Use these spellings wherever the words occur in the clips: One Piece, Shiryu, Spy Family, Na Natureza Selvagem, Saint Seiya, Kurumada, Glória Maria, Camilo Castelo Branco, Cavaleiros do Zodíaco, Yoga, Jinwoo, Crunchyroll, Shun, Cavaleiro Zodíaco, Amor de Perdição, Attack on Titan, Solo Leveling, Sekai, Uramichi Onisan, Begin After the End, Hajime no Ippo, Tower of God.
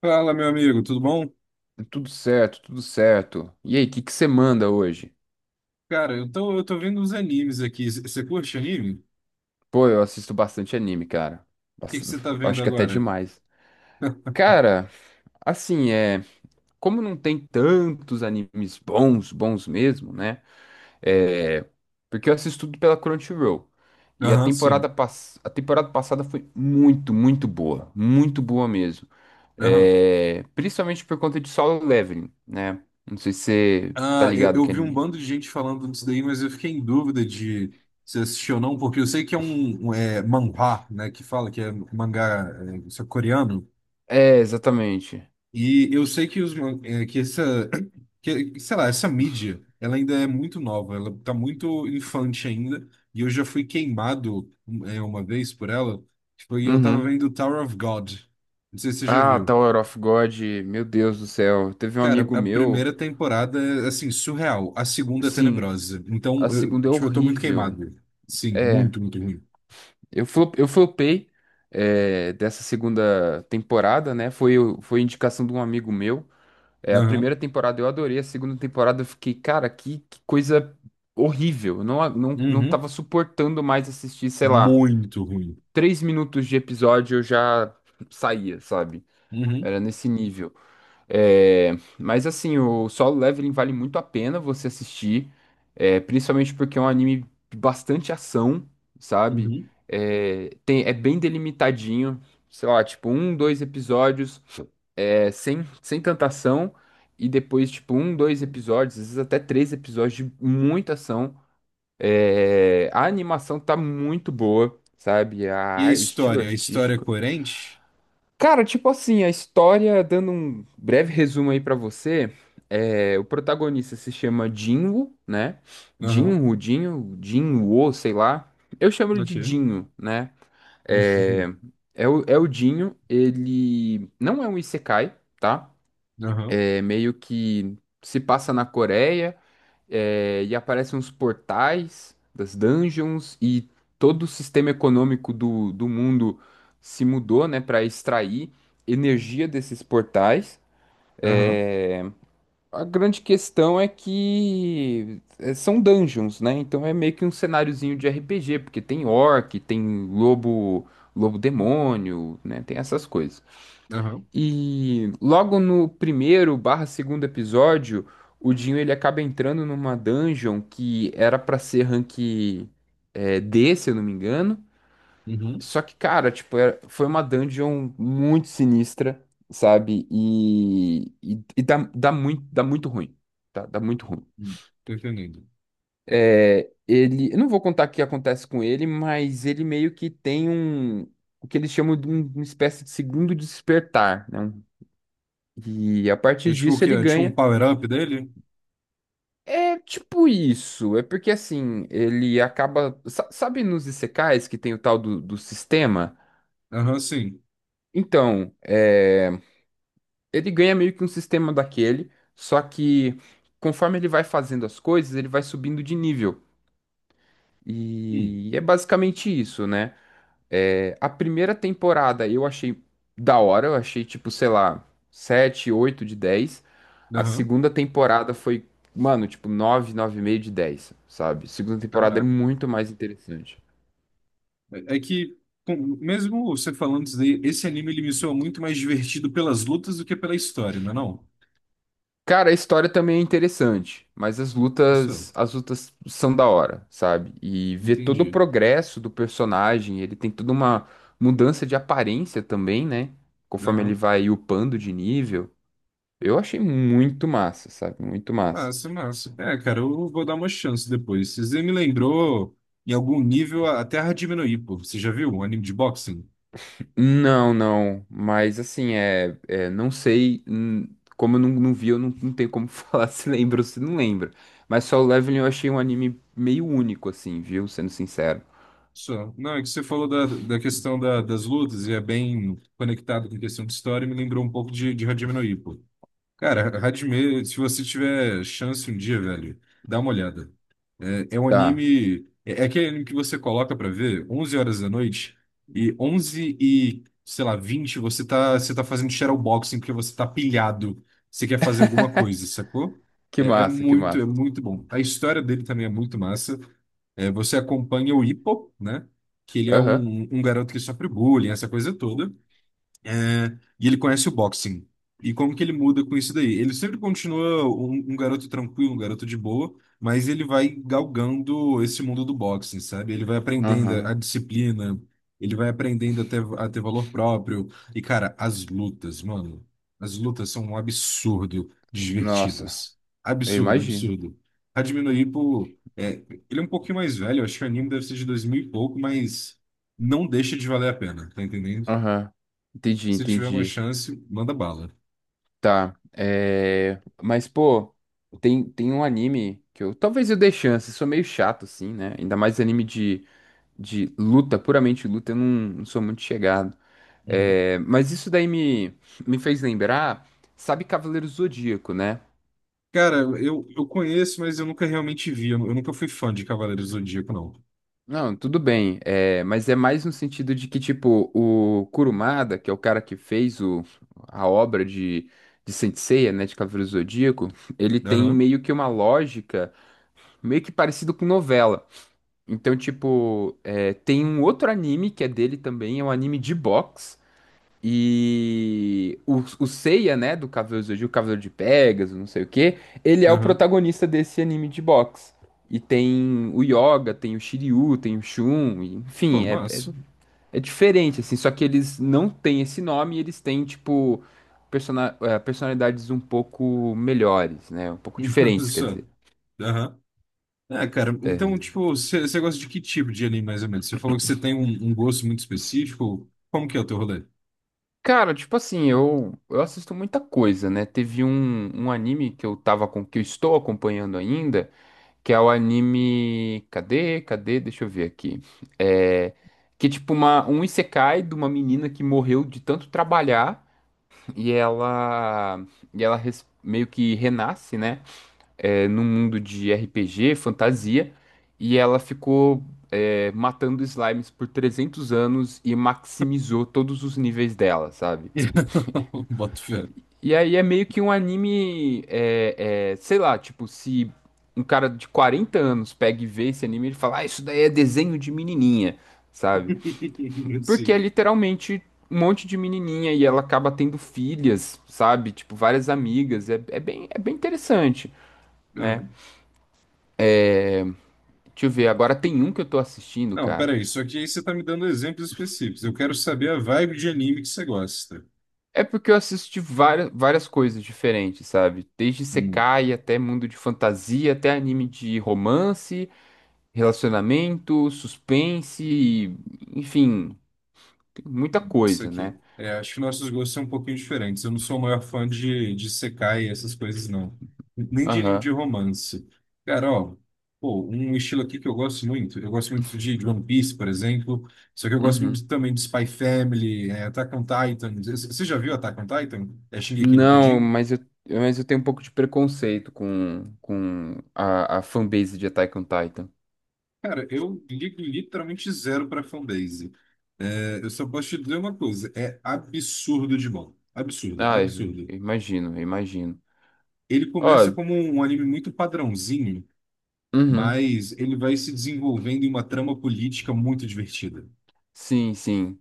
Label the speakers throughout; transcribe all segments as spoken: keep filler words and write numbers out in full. Speaker 1: Fala, meu amigo, tudo bom?
Speaker 2: Tudo certo, tudo certo. E aí, o que que você manda hoje?
Speaker 1: Cara, eu tô, eu tô vendo uns animes aqui. Você curte anime? O
Speaker 2: Pô, eu assisto bastante anime, cara.
Speaker 1: que que
Speaker 2: Bast-
Speaker 1: você tá vendo
Speaker 2: Acho que até
Speaker 1: agora?
Speaker 2: demais. Cara, assim, é. Como não tem tantos animes bons, bons mesmo, né? É. Porque eu assisto tudo pela Crunchyroll. E a
Speaker 1: Aham,
Speaker 2: temporada,
Speaker 1: sim.
Speaker 2: pass... a temporada passada foi muito, muito boa. Muito boa mesmo.
Speaker 1: Aham.
Speaker 2: É. Principalmente por conta de Solo Leveling, né? Não sei se você tá
Speaker 1: Ah, eu,
Speaker 2: ligado
Speaker 1: eu
Speaker 2: que é
Speaker 1: vi um
Speaker 2: anime.
Speaker 1: bando de gente falando disso daí, mas eu fiquei em dúvida de se assistiu ou não, porque eu sei que é um, um, é, manhwa, né, que fala que é mangá é, isso é coreano.
Speaker 2: É, exatamente.
Speaker 1: E eu sei que os man- eh, que essa que, sei lá, essa mídia, ela ainda é muito nova, ela tá muito infante ainda, e eu já fui queimado eh, uma vez por ela, que foi eu tava
Speaker 2: Uhum.
Speaker 1: vendo Tower of God. Não sei se você já
Speaker 2: Ah,
Speaker 1: viu.
Speaker 2: Tower of God, meu Deus do céu. Teve um
Speaker 1: Cara,
Speaker 2: amigo
Speaker 1: a
Speaker 2: meu.
Speaker 1: primeira temporada é assim, surreal, a segunda é
Speaker 2: Sim,
Speaker 1: tenebrosa.
Speaker 2: a
Speaker 1: Então, eu,
Speaker 2: segunda é
Speaker 1: tipo, eu tô muito
Speaker 2: horrível.
Speaker 1: queimado. Sim,
Speaker 2: É,
Speaker 1: muito, muito ruim.
Speaker 2: eu flop, eu flopei é, dessa segunda temporada, né? Foi, o- foi indicação de um amigo meu. É, a
Speaker 1: Aham.
Speaker 2: primeira temporada eu adorei, a segunda temporada eu fiquei, cara, que, que coisa horrível. Eu Não, a- não, não
Speaker 1: Uhum.
Speaker 2: tava suportando mais assistir, sei lá,
Speaker 1: Muito ruim.
Speaker 2: três minutos de episódio eu já saía, sabe?
Speaker 1: Uhum.
Speaker 2: Era nesse nível. É, mas assim, o Solo Leveling vale muito a pena você assistir, é, principalmente porque é um anime de bastante ação, sabe?
Speaker 1: Uhum.
Speaker 2: É, tem, é bem delimitadinho, sei lá, tipo um, dois episódios, é, sem, sem tanta ação, e depois tipo um, dois episódios, às vezes até três episódios de muita ação. É, a animação tá muito boa, sabe?
Speaker 1: E
Speaker 2: A-
Speaker 1: a
Speaker 2: o estilo
Speaker 1: história? A história é
Speaker 2: artístico.
Speaker 1: coerente?
Speaker 2: Cara, tipo assim, a história, dando um breve resumo aí pra você, é, o protagonista se chama Jinwoo, né?
Speaker 1: Aham.
Speaker 2: Jinwoo, Jinwoo, Jinwoo, sei lá. Eu chamo ele de
Speaker 1: Ok.
Speaker 2: Dinho, né?
Speaker 1: Uhum.
Speaker 2: É, é o, é o Dinho, ele não é um isekai, tá?
Speaker 1: Aham,
Speaker 2: É meio que se passa na Coreia, é, e aparecem uns portais das dungeons e todo o sistema econômico do, do mundo se mudou, né, para extrair energia desses portais.
Speaker 1: aham,
Speaker 2: É, a grande questão é que é, são dungeons, né? Então é meio que um cenáriozinho de R P G, porque tem orc, tem lobo, lobo demônio, né? Tem essas coisas.
Speaker 1: aham,
Speaker 2: E logo no primeiro barra segundo episódio, o Dinho ele acaba entrando numa dungeon que era pra ser rank eh, D, se eu não me engano.
Speaker 1: uhum.
Speaker 2: Só que, cara, tipo, era- foi uma dungeon muito sinistra, sabe? E, e, e dá, dá muito, dá muito ruim. Tá? Dá muito ruim.
Speaker 1: Hum, tô entendendo.
Speaker 2: É, ele, eu não vou contar o que acontece com ele, mas ele meio que tem um, o que eles chamam de um- uma espécie de segundo despertar, né? Um E a
Speaker 1: É
Speaker 2: partir
Speaker 1: tipo o
Speaker 2: disso
Speaker 1: que
Speaker 2: ele
Speaker 1: é? Tipo um
Speaker 2: ganha.
Speaker 1: power-up dele?
Speaker 2: É tipo isso. É porque assim, ele acaba. sa- Sabe nos Isekais que tem o tal do, do sistema?
Speaker 1: Aham, sim.
Speaker 2: Então, é, ele ganha meio que um sistema daquele, só que conforme ele vai fazendo as coisas, ele vai subindo de nível.
Speaker 1: Hum,
Speaker 2: E é basicamente isso, né? É, a primeira temporada eu achei da hora, eu achei tipo, sei lá, sete oito de dez. A
Speaker 1: aham.
Speaker 2: segunda temporada foi, mano, tipo nove e meio, meio de dez, sabe? A segunda temporada é
Speaker 1: Caraca.
Speaker 2: muito mais interessante.
Speaker 1: É, é que, com- mesmo você falando isso daí, esse anime ele me soa muito mais divertido pelas lutas do que pela história, não é não?
Speaker 2: Cara, a história também é interessante, mas as
Speaker 1: Isso,
Speaker 2: lutas, as lutas são da hora, sabe? E ver todo o
Speaker 1: entendi.
Speaker 2: progresso do personagem, ele tem toda uma mudança de aparência também, né? Conforme ele
Speaker 1: Aham.
Speaker 2: vai upando de nível. Eu achei muito massa, sabe? Muito massa.
Speaker 1: Massa, massa. É, cara, eu vou dar uma chance depois. Você me lembrou, em algum nível, a a Terra diminuir, pô. Você já viu um anime de boxing?
Speaker 2: Não, não. Mas assim, é, é, não sei. hum, Como eu não, não vi, eu não, não tenho como falar se lembra ou se não lembra. Mas Solo Leveling eu achei um anime meio único, assim, viu? Sendo sincero.
Speaker 1: Só. Não, é que você falou da, da questão da- das lutas e é bem conectado com a questão de história e me lembrou um pouco de, de Hajime no Ippo. Cara, Hajime, se você tiver chance um dia, velho, dá uma olhada. É, é um
Speaker 2: Tá.
Speaker 1: anime... É, é aquele anime que você coloca pra ver onze horas da noite e onze e, sei lá, vinte você tá, você tá fazendo shadowboxing porque você tá pilhado, você quer fazer alguma coisa, sacou?
Speaker 2: Que
Speaker 1: É, é
Speaker 2: massa, que
Speaker 1: muito, é
Speaker 2: massa.
Speaker 1: muito bom. A história dele também é muito massa. É, você acompanha o Hippo, né? Que ele é
Speaker 2: Aham.
Speaker 1: um, um garoto que sofre bullying, essa coisa toda. É, e ele conhece o boxing. E como que ele muda com isso daí? Ele sempre continua um, um garoto tranquilo, um garoto de boa, mas ele vai galgando esse mundo do boxing, sabe? Ele vai aprendendo a
Speaker 2: Aham.
Speaker 1: disciplina, ele vai aprendendo a ter, a ter valor próprio. E, cara, as lutas, mano, as lutas são um absurdo de
Speaker 2: Nossa,
Speaker 1: divertidas.
Speaker 2: eu
Speaker 1: Absurdo,
Speaker 2: imagino.
Speaker 1: absurdo. Hajime no Ippo, é, ele é um pouquinho mais velho, eu acho que o anime deve ser de dois mil e pouco, mas não deixa de valer a pena, tá entendendo?
Speaker 2: Aham. Entendi,
Speaker 1: Se tiver uma
Speaker 2: entendi.
Speaker 1: chance, manda bala.
Speaker 2: Tá. É. Mas, pô, tem, tem um anime que eu. Talvez eu dê chance. Sou meio chato, assim, né? Ainda mais anime de. de luta, puramente luta, eu não, não sou muito chegado.
Speaker 1: Uhum.
Speaker 2: É, mas isso daí me, me fez lembrar, sabe Cavaleiro Zodíaco, né?
Speaker 1: Cara, eu, eu conheço, mas eu nunca realmente vi. Eu, eu nunca fui fã de Cavaleiros do Zodíaco, não.
Speaker 2: Não, tudo bem, é, mas é mais no sentido de que, tipo, o Kurumada, que é o cara que fez o, a obra de, de Saint Seiya, né, de Cavaleiro Zodíaco, ele tem
Speaker 1: Aham,
Speaker 2: meio que uma lógica meio que parecido com novela. Então, tipo, é, tem um outro anime que é dele também, é um anime de boxe. E o, o Seiya, né, do Cavaleiro do Zodíaco, Cavaleiro de Pegasus, não sei o quê, ele é o
Speaker 1: aham.
Speaker 2: protagonista desse anime de boxe. E tem o Yoga, tem o Shiryu, tem o Shun, e,
Speaker 1: Pô,
Speaker 2: enfim, é, é,
Speaker 1: massa.
Speaker 2: é diferente, assim, só que eles não têm esse nome, e eles têm, tipo, persona- eh, personalidades um pouco melhores, né, um pouco diferentes, quer
Speaker 1: Só.
Speaker 2: dizer.
Speaker 1: Aham. É, cara, então,
Speaker 2: É.
Speaker 1: tipo, você você gosta de que tipo de anime, mais ou menos? Você falou que você tem um, um gosto muito específico. Como que é o teu rolê?
Speaker 2: Cara, tipo assim, eu, eu assisto muita coisa, né? Teve um, um anime que eu tava com, que eu estou acompanhando ainda. Que é o anime. Cadê? Cadê? Deixa eu ver aqui. É. Que é tipo uma, um isekai de uma menina que morreu de tanto trabalhar e ela. E ela res- meio que renasce, né? É, num mundo de R P G, fantasia. E ela ficou. É, matando slimes por trezentos anos e maximizou todos os níveis dela, sabe?
Speaker 1: Boto fé.
Speaker 2: E aí é meio que um anime, é, é, sei lá, tipo, se um cara de quarenta anos pega e vê esse anime, ele fala, ah, isso daí é desenho de menininha, sabe? Porque é
Speaker 1: Sim.
Speaker 2: literalmente um monte de menininha e ela acaba tendo filhas, sabe? Tipo, várias amigas, é, é bem, é bem interessante, né?
Speaker 1: Aham.
Speaker 2: Deixa eu ver, agora tem um que eu tô assistindo,
Speaker 1: Não,
Speaker 2: cara.
Speaker 1: peraí, só que aí você tá me dando exemplos específicos. Eu quero saber a vibe de anime que você gosta.
Speaker 2: É porque eu assisti várias, várias coisas diferentes, sabe? Desde Sekai até mundo de fantasia, até anime de romance, relacionamento, suspense, enfim, tem muita
Speaker 1: Isso
Speaker 2: coisa,
Speaker 1: aqui.
Speaker 2: né?
Speaker 1: É, acho que nossos gostos são um pouquinho diferentes. Eu não sou o maior fã de, de Sekai e essas coisas, não. Nem de anime
Speaker 2: Aham.
Speaker 1: de romance. Cara, ó, pô, um estilo aqui que eu gosto muito. Eu gosto muito de de One Piece, por exemplo. Só que eu gosto muito
Speaker 2: Uhum.
Speaker 1: também de Spy Family, é, Attack on Titan. C- Você já viu Attack on Titan? É Shingeki no
Speaker 2: Não,
Speaker 1: Kyojin?
Speaker 2: mas eu, mas eu tenho um pouco de preconceito com, com a, a fanbase de Attack on Titan.
Speaker 1: Cara, eu ligo literalmente zero pra fanbase. É, eu só posso te dizer uma coisa. É absurdo de bom. Absurdo,
Speaker 2: Ah, eu,
Speaker 1: absurdo.
Speaker 2: eu imagino, eu imagino.
Speaker 1: Ele
Speaker 2: Ó,
Speaker 1: começa como um anime muito padrãozinho,
Speaker 2: uhum,
Speaker 1: mas ele vai se desenvolvendo em uma trama política muito divertida.
Speaker 2: sim, sim.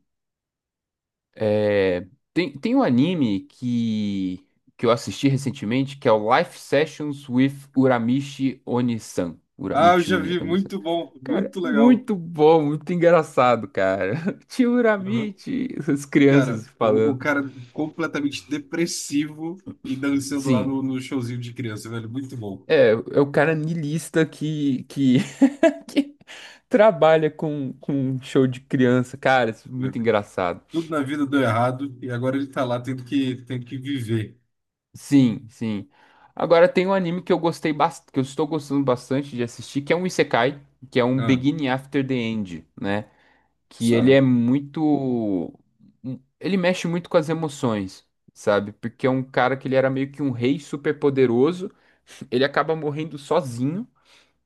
Speaker 2: É, tem, tem um anime que, que eu assisti recentemente que é o Life Sessions with Uramichi Onisan.
Speaker 1: Ah, eu
Speaker 2: Uramichi
Speaker 1: já
Speaker 2: Uni-
Speaker 1: vi,
Speaker 2: Onisan.
Speaker 1: muito bom,
Speaker 2: Cara,
Speaker 1: muito legal.
Speaker 2: muito bom, muito engraçado, cara. Tio
Speaker 1: Uhum.
Speaker 2: Urabite, as
Speaker 1: Cara,
Speaker 2: crianças
Speaker 1: o, o
Speaker 2: falando.
Speaker 1: cara completamente depressivo e dançando lá
Speaker 2: Sim,
Speaker 1: no, no showzinho de criança, velho, muito bom.
Speaker 2: é, é o cara niilista que, que, que trabalha com, com show de criança, cara, isso é
Speaker 1: Né?
Speaker 2: muito engraçado.
Speaker 1: Tudo na vida deu errado e agora ele tá lá tendo que, tendo que viver.
Speaker 2: Sim, sim. Agora tem um anime que eu gostei bastante, que eu estou gostando bastante de assistir, que é um Isekai, que é um
Speaker 1: Ah,
Speaker 2: Begin After the End, né? Que ele
Speaker 1: só.
Speaker 2: é muito. um, Ele mexe muito com as emoções, sabe? Porque é um cara que ele era meio que um rei super poderoso, ele acaba morrendo sozinho,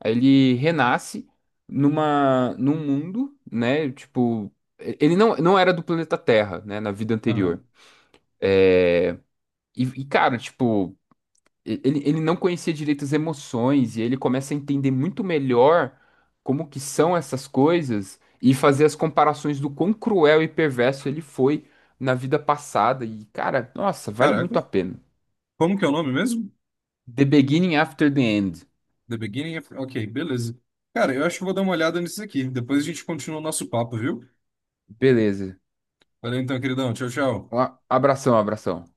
Speaker 2: aí ele renasce numa, num mundo, né? Tipo, ele não, não era do planeta Terra, né? Na vida
Speaker 1: Aham.
Speaker 2: anterior. E, e, cara, tipo, e- Ele, ele não conhecia direito as emoções e ele começa a entender muito melhor como que são essas coisas e fazer as comparações do quão cruel e perverso ele foi na vida passada. E, cara, nossa, vale
Speaker 1: Caraca,
Speaker 2: muito a pena.
Speaker 1: como que é o nome mesmo?
Speaker 2: The Beginning After the End.
Speaker 1: The beginning of... Ok, beleza. Cara, eu acho que vou dar uma olhada nisso aqui. Depois a gente continua o nosso papo, viu?
Speaker 2: Beleza.
Speaker 1: Valeu então, queridão. Tchau, tchau.
Speaker 2: Um a- Abração, abração.